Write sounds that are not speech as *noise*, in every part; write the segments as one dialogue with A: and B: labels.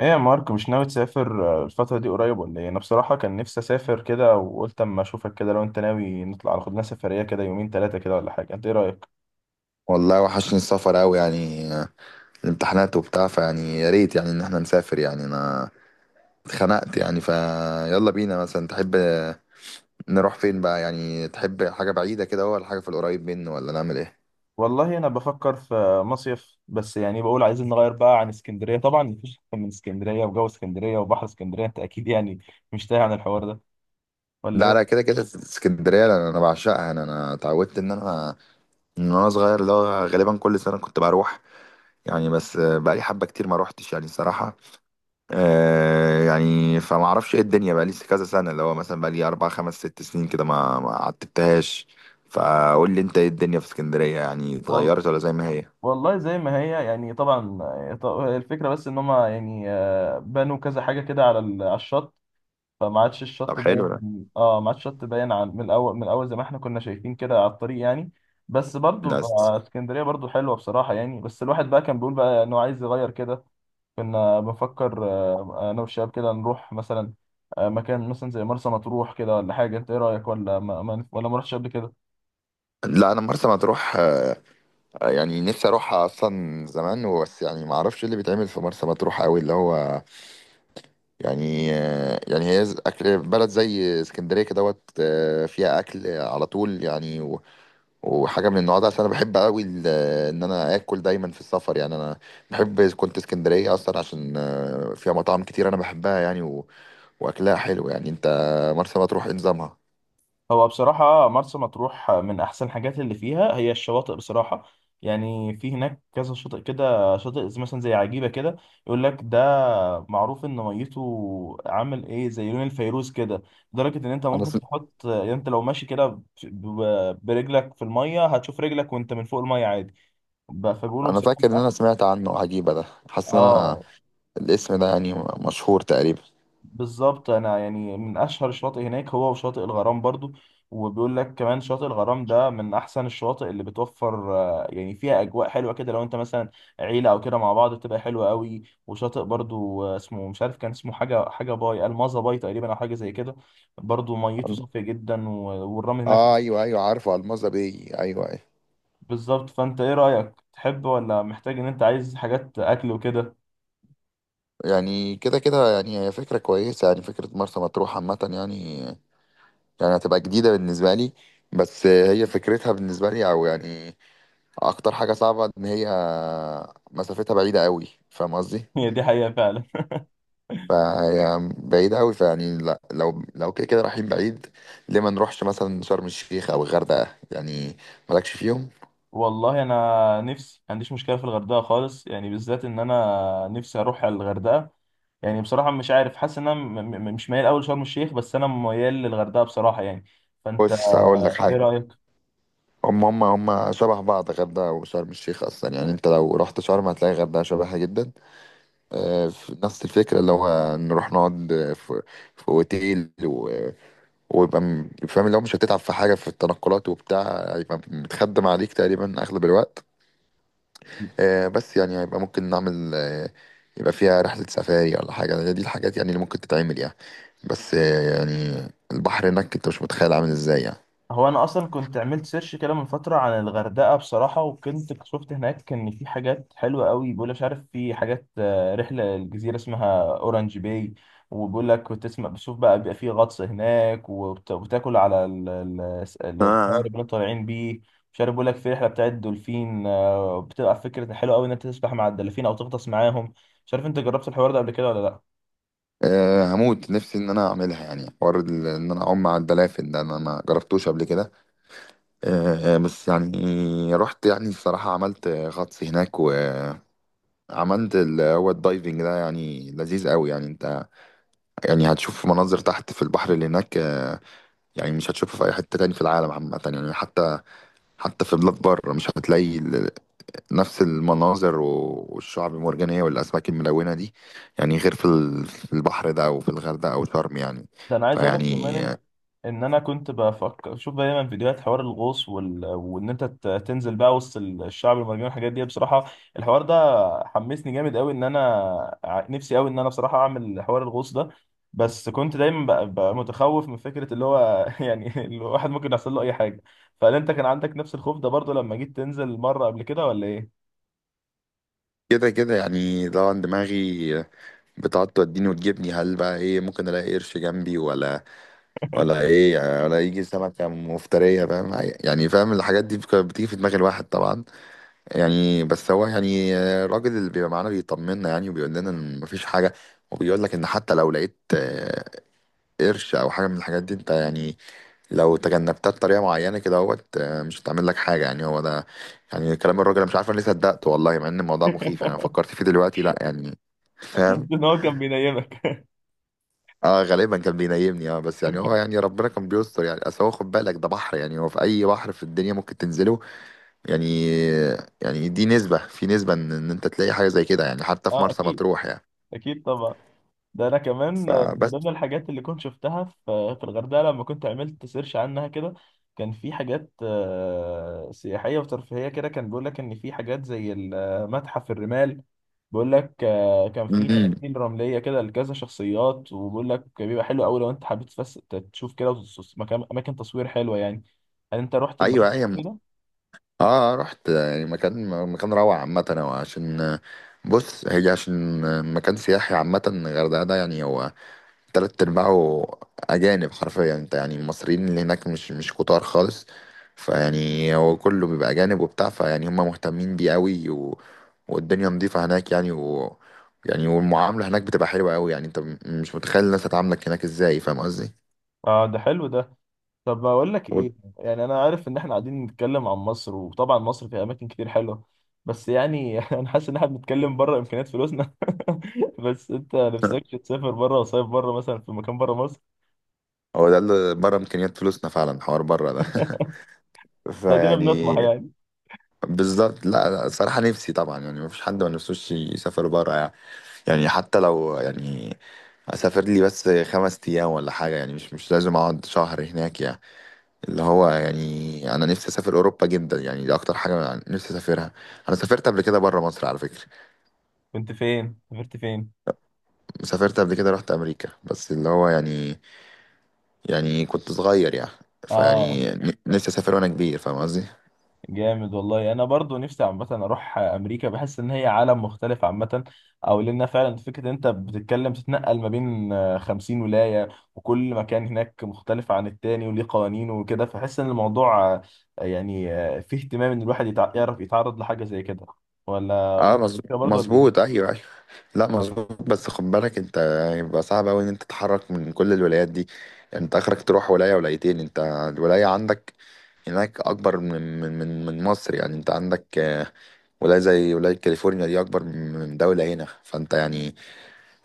A: ايه يا مارك، مش ناوي تسافر الفترة دي قريب ولا ايه؟ انا بصراحة كان نفسي اسافر كده، وقلت اما اشوفك كده لو انت ناوي نطلع خد لنا سفرية كده، يومين ثلاثة كده ولا حاجة. انت ايه رأيك؟
B: والله وحشني السفر أوي يعني الامتحانات وبتاع فيعني يا ريت يعني إن احنا نسافر يعني أنا اتخنقت يعني فيلا بينا مثلا. تحب نروح فين بقى؟ يعني تحب حاجة بعيدة كده ولا حاجة في القريب منه ولا نعمل إيه؟
A: والله انا بفكر في مصيف، بس يعني بقول عايزين نغير بقى عن اسكندرية. طبعا مفيش احسن من اسكندرية وجو اسكندرية وبحر اسكندرية. انت اكيد يعني مش تايه عن الحوار ده ولا
B: لا
A: ايه؟
B: لا، كده كده اسكندرية أنا بعشقها. أنا اتعودت إن أنا من وأنا صغير اللي هو غالبا كل سنة كنت بروح يعني. بس بقالي حبة كتير ما روحتش يعني الصراحة. يعني فما اعرفش ايه الدنيا، بقى لي كذا سنه، اللي هو مثلا بقى لي اربع خمس ست سنين كده ما عتبتهاش. فقول لي انت ايه الدنيا في اسكندريه، يعني
A: وال...
B: اتغيرت ولا زي ما هي؟
A: والله زي ما هي يعني طبعا، الفكرة بس ان هما يعني بنوا كذا حاجة كده على على الشط، فما عادش
B: طب
A: الشط
B: حلو ده.
A: باين. اه، ما عادش الشط باين عن من الاول، من الاول زي ما احنا كنا شايفين كده على الطريق يعني. بس برضو
B: لا
A: بقى اسكندريه برضو حلوه بصراحه يعني، بس الواحد بقى كان بيقول بقى انه عايز يغير كده. كنا بنفكر، انا والشباب كده نروح مثلا مكان مثلا زي مرسى مطروح كده ولا حاجه. انت ايه رايك، ولا ولا ما رحتش قبل كده؟
B: لا، انا مرسى مطروح، يعني نفسي اروحها اصلا زمان وبس، يعني ما اعرفش إيه اللي بيتعمل في مرسى مطروح قوي، اللي هو يعني يعني هي اكل بلد زي اسكندريه كده دوت، فيها اكل على طول يعني، وحاجه من النوع ده، عشان انا بحب قوي ان انا اكل دايما في السفر يعني. انا بحب كنت اسكندريه اصلا عشان فيها مطاعم كتير انا بحبها يعني، واكلها حلو يعني. انت مرسى مطروح ايه نظامها؟
A: هو بصراحة مرسى مطروح من أحسن الحاجات اللي فيها هي الشواطئ بصراحة. يعني في هناك كذا شاطئ كده، شاطئ مثلا زي عجيبة كده، يقول لك ده معروف إن ميته عامل إيه زي لون الفيروز كده. لدرجة إن أنت
B: انا
A: ممكن
B: سم...
A: تحط، يعني أنت لو ماشي كده برجلك في المية هتشوف رجلك وأنت من فوق المية عادي. فبيقولوا
B: انا
A: بصراحة من
B: فاكر ان
A: أحسن.
B: انا سمعت عنه، عجيبه ده، حاسس ان انا
A: آه،
B: الاسم ده يعني مشهور تقريبا.
A: بالظبط. انا يعني من اشهر الشواطئ هناك هو وشاطئ الغرام برضو. وبيقول لك كمان شاطئ الغرام ده من احسن الشواطئ اللي بتوفر، يعني فيها اجواء حلوه كده. لو انت مثلا عيله او كده مع بعض بتبقى حلوه قوي. وشاطئ برضو اسمه مش عارف، كان اسمه حاجه باي، المازا باي تقريبا، او حاجه زي كده. برضو ميته
B: أل-
A: صافيه جدا والرمل هناك.
B: اه ايوه ايوه، عارفه الماظة بي، ايوه ايوه.
A: بالظبط. فانت ايه رايك، تحب ولا محتاج ان انت عايز حاجات اكل وكده؟
B: يعني كده كده يعني هي فكرة كويسة، يعني فكرة مرسى مطروح عامة يعني، يعني هتبقى جديدة بالنسبة لي. بس هي فكرتها بالنسبة لي أو يعني اكتر حاجه صعبه ان هي مسافتها بعيده قوي، فاهم قصدي؟
A: *laughs* هي دي حقيقه فعلا.
B: فهي بعيده قوي، فيعني لا، لو كده كده رايحين بعيد، ليه ما نروحش مثلا شرم الشيخ او الغردقه يعني؟ مالكش فيهم؟
A: والله انا نفسي ما عنديش مشكله في الغردقه خالص يعني، بالذات ان انا نفسي اروح على الغردقه. يعني بصراحه مش عارف، حاسس ان انا مش ميال قوي لشرم الشيخ، بس انا ميال للغردقه بصراحه يعني. فانت
B: بص هقول لك
A: ايه
B: حاجه.
A: رايك؟
B: هم هم هم شبه بعض، غردقه وشرم الشيخ، اصلا يعني انت لو رحت شرم هتلاقي غردقه شبهها جدا. في نفس الفكره، اللي هو نروح نقعد في في اوتيل، ويبقى فاهم اللي هو مش هتتعب في حاجة في التنقلات وبتاع، هيبقى متخدم عليك تقريبا أغلب الوقت. بس يعني هيبقى ممكن نعمل يبقى فيها رحلة سفاري ولا حاجة، هي دي الحاجات يعني اللي ممكن تتعمل يعني. بس يعني البحر هناك أنت مش متخيل عامل إزاي يعني.
A: هو انا اصلا كنت عملت سيرش كده من فتره عن الغردقه بصراحه، وكنت شفت هناك ان في حاجات حلوه قوي. بيقول مش عارف، في حاجات رحله الجزيره اسمها اورنج باي. وبيقول لك بتسمع بتشوف بقى، بيبقى في غطس هناك وبتاكل على القارب
B: اه
A: اللي انتوا طالعين بيه. مش عارف بيقول لك في رحله بتاعت الدولفين، بتبقى فكره حلوه قوي ان انت تسبح مع الدلافين او تغطس معاهم. مش عارف انت جربت الحوار ده قبل كده ولا لا؟
B: هموت نفسي ان انا اعملها يعني، حوار ان انا اعوم مع الدلافين ده، انا ما جربتوش قبل كده. بس يعني رحت، يعني الصراحه عملت غطس هناك، وعملت اللي هو الدايفنج ده، يعني لذيذ قوي يعني. انت يعني هتشوف مناظر تحت في البحر اللي هناك، يعني مش هتشوفها في اي حته تاني في العالم عامه يعني، حتى في بلاد بره مش هتلاقي نفس المناظر والشعب المرجانيه والاسماك الملونه دي يعني، غير في في البحر ده او في الغردقه او شرم يعني.
A: ده انا عايز اقول لك كمان
B: فيعني
A: إن انا كنت بفكر اشوف دايما فيديوهات حوار الغوص، وان انت تنزل بقى وسط الشعب المرجاني والحاجات دي بصراحه. الحوار ده حمسني جامد قوي ان انا نفسي قوي ان انا بصراحه اعمل حوار الغوص ده. بس كنت دايما بقى متخوف من فكره اللي هو *laughs* يعني الواحد ممكن يحصل له اي حاجه. فهل انت كان عندك نفس الخوف ده برضه لما جيت تنزل مره قبل كده ولا ايه؟
B: كده كده يعني لو عن دماغي بتقعد توديني وتجيبني، هل بقى ايه؟ ممكن الاقي قرش جنبي ولا ولا ايه يعني، ولا يجي سمكه مفتريه، فاهم؟ يعني فاهم الحاجات دي بتيجي في دماغ الواحد طبعا يعني. بس هو يعني الراجل اللي بيبقى معانا بيطمنا يعني، وبيقول لنا ان مفيش حاجه، وبيقول لك ان حتى لو لقيت قرش او حاجه من الحاجات دي، انت يعني لو تجنبتها بطريقه معينه كده اهوت، مش هتعمل لك حاجه يعني، هو ده يعني كلام الراجل. انا مش عارف انا ليه صدقته والله، مع ان الموضوع مخيف،
A: *laughs*
B: يعني انا فكرت فيه دلوقتي، لا يعني *laughs*
A: بس
B: فاهم.
A: ان هو كان بينيمك.
B: اه غالبا كان بينيمني اه، بس يعني هو يعني ربنا كان بيستر يعني، اصل هو خد بالك ده بحر، يعني هو في اي بحر في الدنيا ممكن تنزله يعني، يعني دي نسبة في نسبة ان إن انت تلاقي حاجة زي كده يعني، حتى
A: *laughs*
B: في
A: اه،
B: مرسى
A: اكيد
B: مطروح يعني.
A: اكيد طبعا. ده انا كمان من ضمن
B: فبس.
A: الحاجات اللي كنت شفتها في الغردقه لما كنت عملت سيرش عنها كده. كان في حاجات سياحيه وترفيهيه كده. كان بيقول لك ان في حاجات زي المتحف الرمال. بيقول لك كان في
B: امم،
A: تماثيل رمليه كده لكذا شخصيات. وبيقول لك بيبقى حلو قوي لو انت حبيت تشوف كده مكان، اماكن تصوير حلوه يعني. هل انت رحت
B: ايوه
A: المكان
B: ايوه.
A: ده؟
B: اه رحت يعني، مكان مكان روعة عامة هو، عشان بص هي عشان مكان سياحي عامة الغردقة ده. يعني هو تلات أرباعه أجانب حرفيا، انت يعني المصريين اللي هناك مش كتار خالص. فيعني هو كله بيبقى أجانب وبتاع، فيعني هم مهتمين بيه أوي، والدنيا نظيفة هناك يعني، و... يعني والمعاملة هناك بتبقى حلوة أوي يعني، انت مش متخيل الناس هتعاملك هناك ازاي، فاهم قصدي؟
A: اه، ده حلو ده. طب بقول لك
B: *laughs* و-
A: ايه، يعني انا عارف ان احنا قاعدين نتكلم عن مصر، وطبعا مصر فيها اماكن كتير حلوه، بس يعني *laughs* انا حاسس ان احنا بنتكلم بره امكانيات فلوسنا. *laughs* بس انت نفسكش تسافر بره وصيف بره مثلا في مكان بره مصر؟
B: هو ده اللي بره إمكانيات فلوسنا فعلا، حوار بره ده. *laughs*
A: لا، دينا بنطمح
B: فيعني
A: يعني.
B: بالظبط. لا لا، صراحة نفسي طبعا، يعني مفيش حد ما نفسوش يسافر بره يعني، يعني حتى لو يعني اسافر لي بس 5 ايام ولا حاجه يعني، مش لازم اقعد شهر هناك يعني. اللي هو يعني انا نفسي اسافر اوروبا جدا يعني، دي اكتر حاجه نفسي اسافرها. انا سافرت قبل كده بره مصر على فكره،
A: كنت فين، سافرت فين؟
B: سافرت قبل كده رحت امريكا، بس اللي هو يعني، يعني كنت صغير يعني،
A: اه،
B: فيعني نفسي اسافر وانا كبير، فاهم قصدي؟
A: جامد والله. انا برضو نفسي عامه اروح امريكا، بحس ان هي عالم مختلف عامه. او لان فعلا فكره انت بتتكلم تتنقل ما بين 50 ولايه، وكل مكان هناك مختلف عن التاني وليه قوانينه وكده. فحس ان الموضوع فيه اهتمام ان الواحد يعرف يتعرض لحاجه زي كده، ولا
B: اه
A: بنفس الفكرة برضو ولا ايه؟
B: مظبوط، ايوه أيوه. لا مظبوط، بس خد بالك انت هيبقى صعب قوي ان انت تتحرك من كل الولايات دي، يعني انت اخرك تروح ولاية ولايتين. انت الولاية عندك هناك اكبر من مصر، يعني انت عندك ولاية زي ولاية كاليفورنيا دي اكبر من دولة هنا، فانت يعني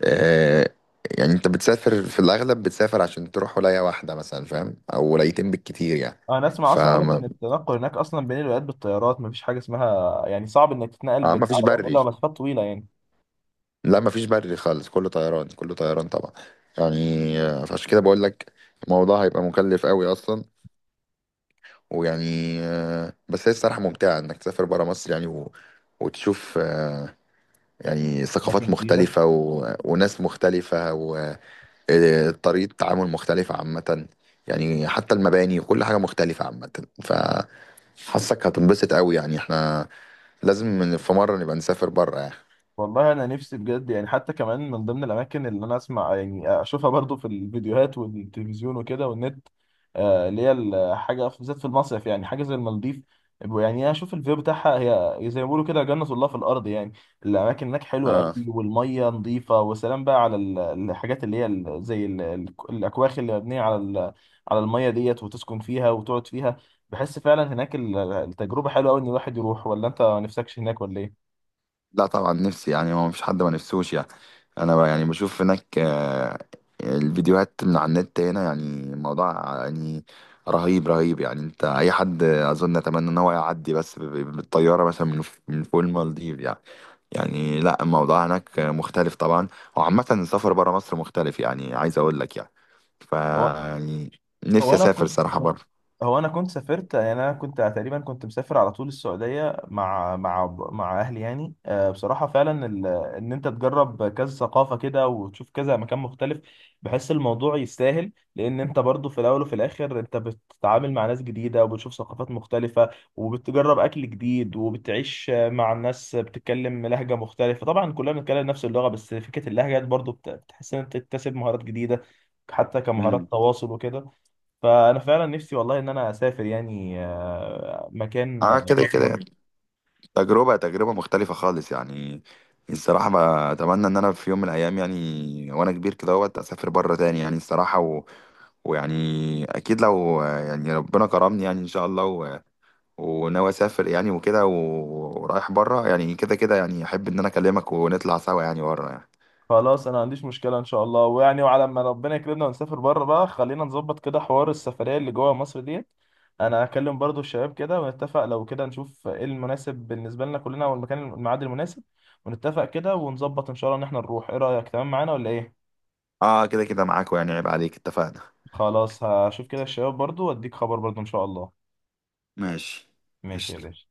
B: آه، يعني انت بتسافر في الاغلب، بتسافر عشان تروح ولاية واحدة مثلا، فاهم، او ولايتين بالكتير يعني.
A: انا اسمع اصلا، اقول لك
B: فما
A: ان التنقل هناك اصلا بين الولايات بالطيارات، مفيش حاجه اسمها يعني صعب انك تتنقل
B: ما فيش
A: بالعربيات
B: بري؟
A: الا مسافات طويله يعني.
B: لا مفيش بري خالص، كله طيران كله طيران طبعا يعني، فعشان كده بقول لك الموضوع هيبقى مكلف قوي اصلا، ويعني بس هي الصراحه ممتعه انك تسافر برا مصر يعني، وتشوف يعني ثقافات
A: اماكن جديده.
B: مختلفه وناس مختلفه، وطريقه تعامل مختلفه عامه، يعني حتى المباني وكل حاجه مختلفه عامه، فحاسك هتنبسط قوي. يعني احنا لازم في مره نبقى نسافر برا يعني.
A: والله انا نفسي بجد يعني. حتى كمان من ضمن الاماكن اللي انا اسمع يعني اشوفها برضو في الفيديوهات والتلفزيون وكده والنت، اللي هي الحاجه بالذات في المصيف يعني، حاجه زي المالديف. يعني اشوف الفيو بتاعها، هي زي ما بيقولوا كده جنة الله في الارض يعني. الاماكن هناك حلوه
B: اه
A: قوي والميه نظيفه، وسلام بقى على الحاجات اللي هي الاكواخ اللي مبنيه على على الميه ديت، وتسكن فيها وتقعد فيها. بحس فعلا هناك التجربه حلوه قوي ان الواحد يروح، ولا انت ما نفسكش هناك ولا
B: لا طبعا نفسي، يعني هو مفيش حد ما نفسوش يعني. انا بقى يعني بشوف هناك الفيديوهات من على النت، هنا يعني الموضوع يعني رهيب رهيب يعني، انت اي حد اظن اتمنى ان هو يعدي بس بالطياره مثلا من من فوق المالديف يعني. يعني لا، الموضوع هناك مختلف طبعا، وعامه السفر بره مصر مختلف يعني، عايز اقول لك يعني، ف
A: ايه؟
B: يعني نفسي
A: هو انا
B: اسافر
A: كنت
B: صراحه بره.
A: هو انا كنت سافرت يعني، انا كنت تقريبا كنت مسافر على طول السعوديه مع اهلي يعني. بصراحه فعلا ان انت تجرب كذا ثقافه كده وتشوف كذا مكان مختلف. بحس الموضوع يستاهل، لان انت برضو في الاول وفي الاخر انت بتتعامل مع ناس جديده وبتشوف ثقافات مختلفه. وبتجرب اكل جديد، وبتعيش مع ناس بتتكلم لهجه مختلفه. طبعا كلنا بنتكلم نفس اللغه، بس فكره اللهجه برضو بتحس ان انت تكتسب مهارات جديده، حتى كمهارات
B: امم،
A: تواصل وكده. فانا فعلا نفسي والله ان انا اسافر يعني، مكان
B: اه كده
A: بره
B: كده
A: مصر.
B: يعني. تجربة تجربة مختلفة خالص يعني، الصراحة ما أتمنى إن أنا في يوم من الأيام يعني وأنا كبير كده، وقت أسافر بره تاني يعني الصراحة، ويعني أكيد لو يعني ربنا كرمني يعني إن شاء الله، وناوي أسافر يعني وكده، ورايح بره يعني، كده كده يعني أحب إن أنا أكلمك ونطلع سوا يعني بره يعني.
A: خلاص انا ما عنديش مشكله ان شاء الله، ويعني وعلى ما ربنا يكرمنا ونسافر بره بقى، خلينا نظبط كده حوار السفريه اللي جوه مصر ديت. انا هكلم برضو الشباب كده ونتفق، لو كده نشوف ايه المناسب بالنسبه لنا كلنا، والمكان الميعاد المناسب. ونتفق كده ونظبط ان شاء الله ان احنا نروح. ايه رايك، تمام معانا ولا ايه؟
B: آه كده كده معاك يعني، عيب عليك، اتفقنا.
A: خلاص هشوف كده الشباب برضو واديك خبر برضو ان شاء الله.
B: ماشي.
A: ماشي يا
B: قشطة.
A: باشا.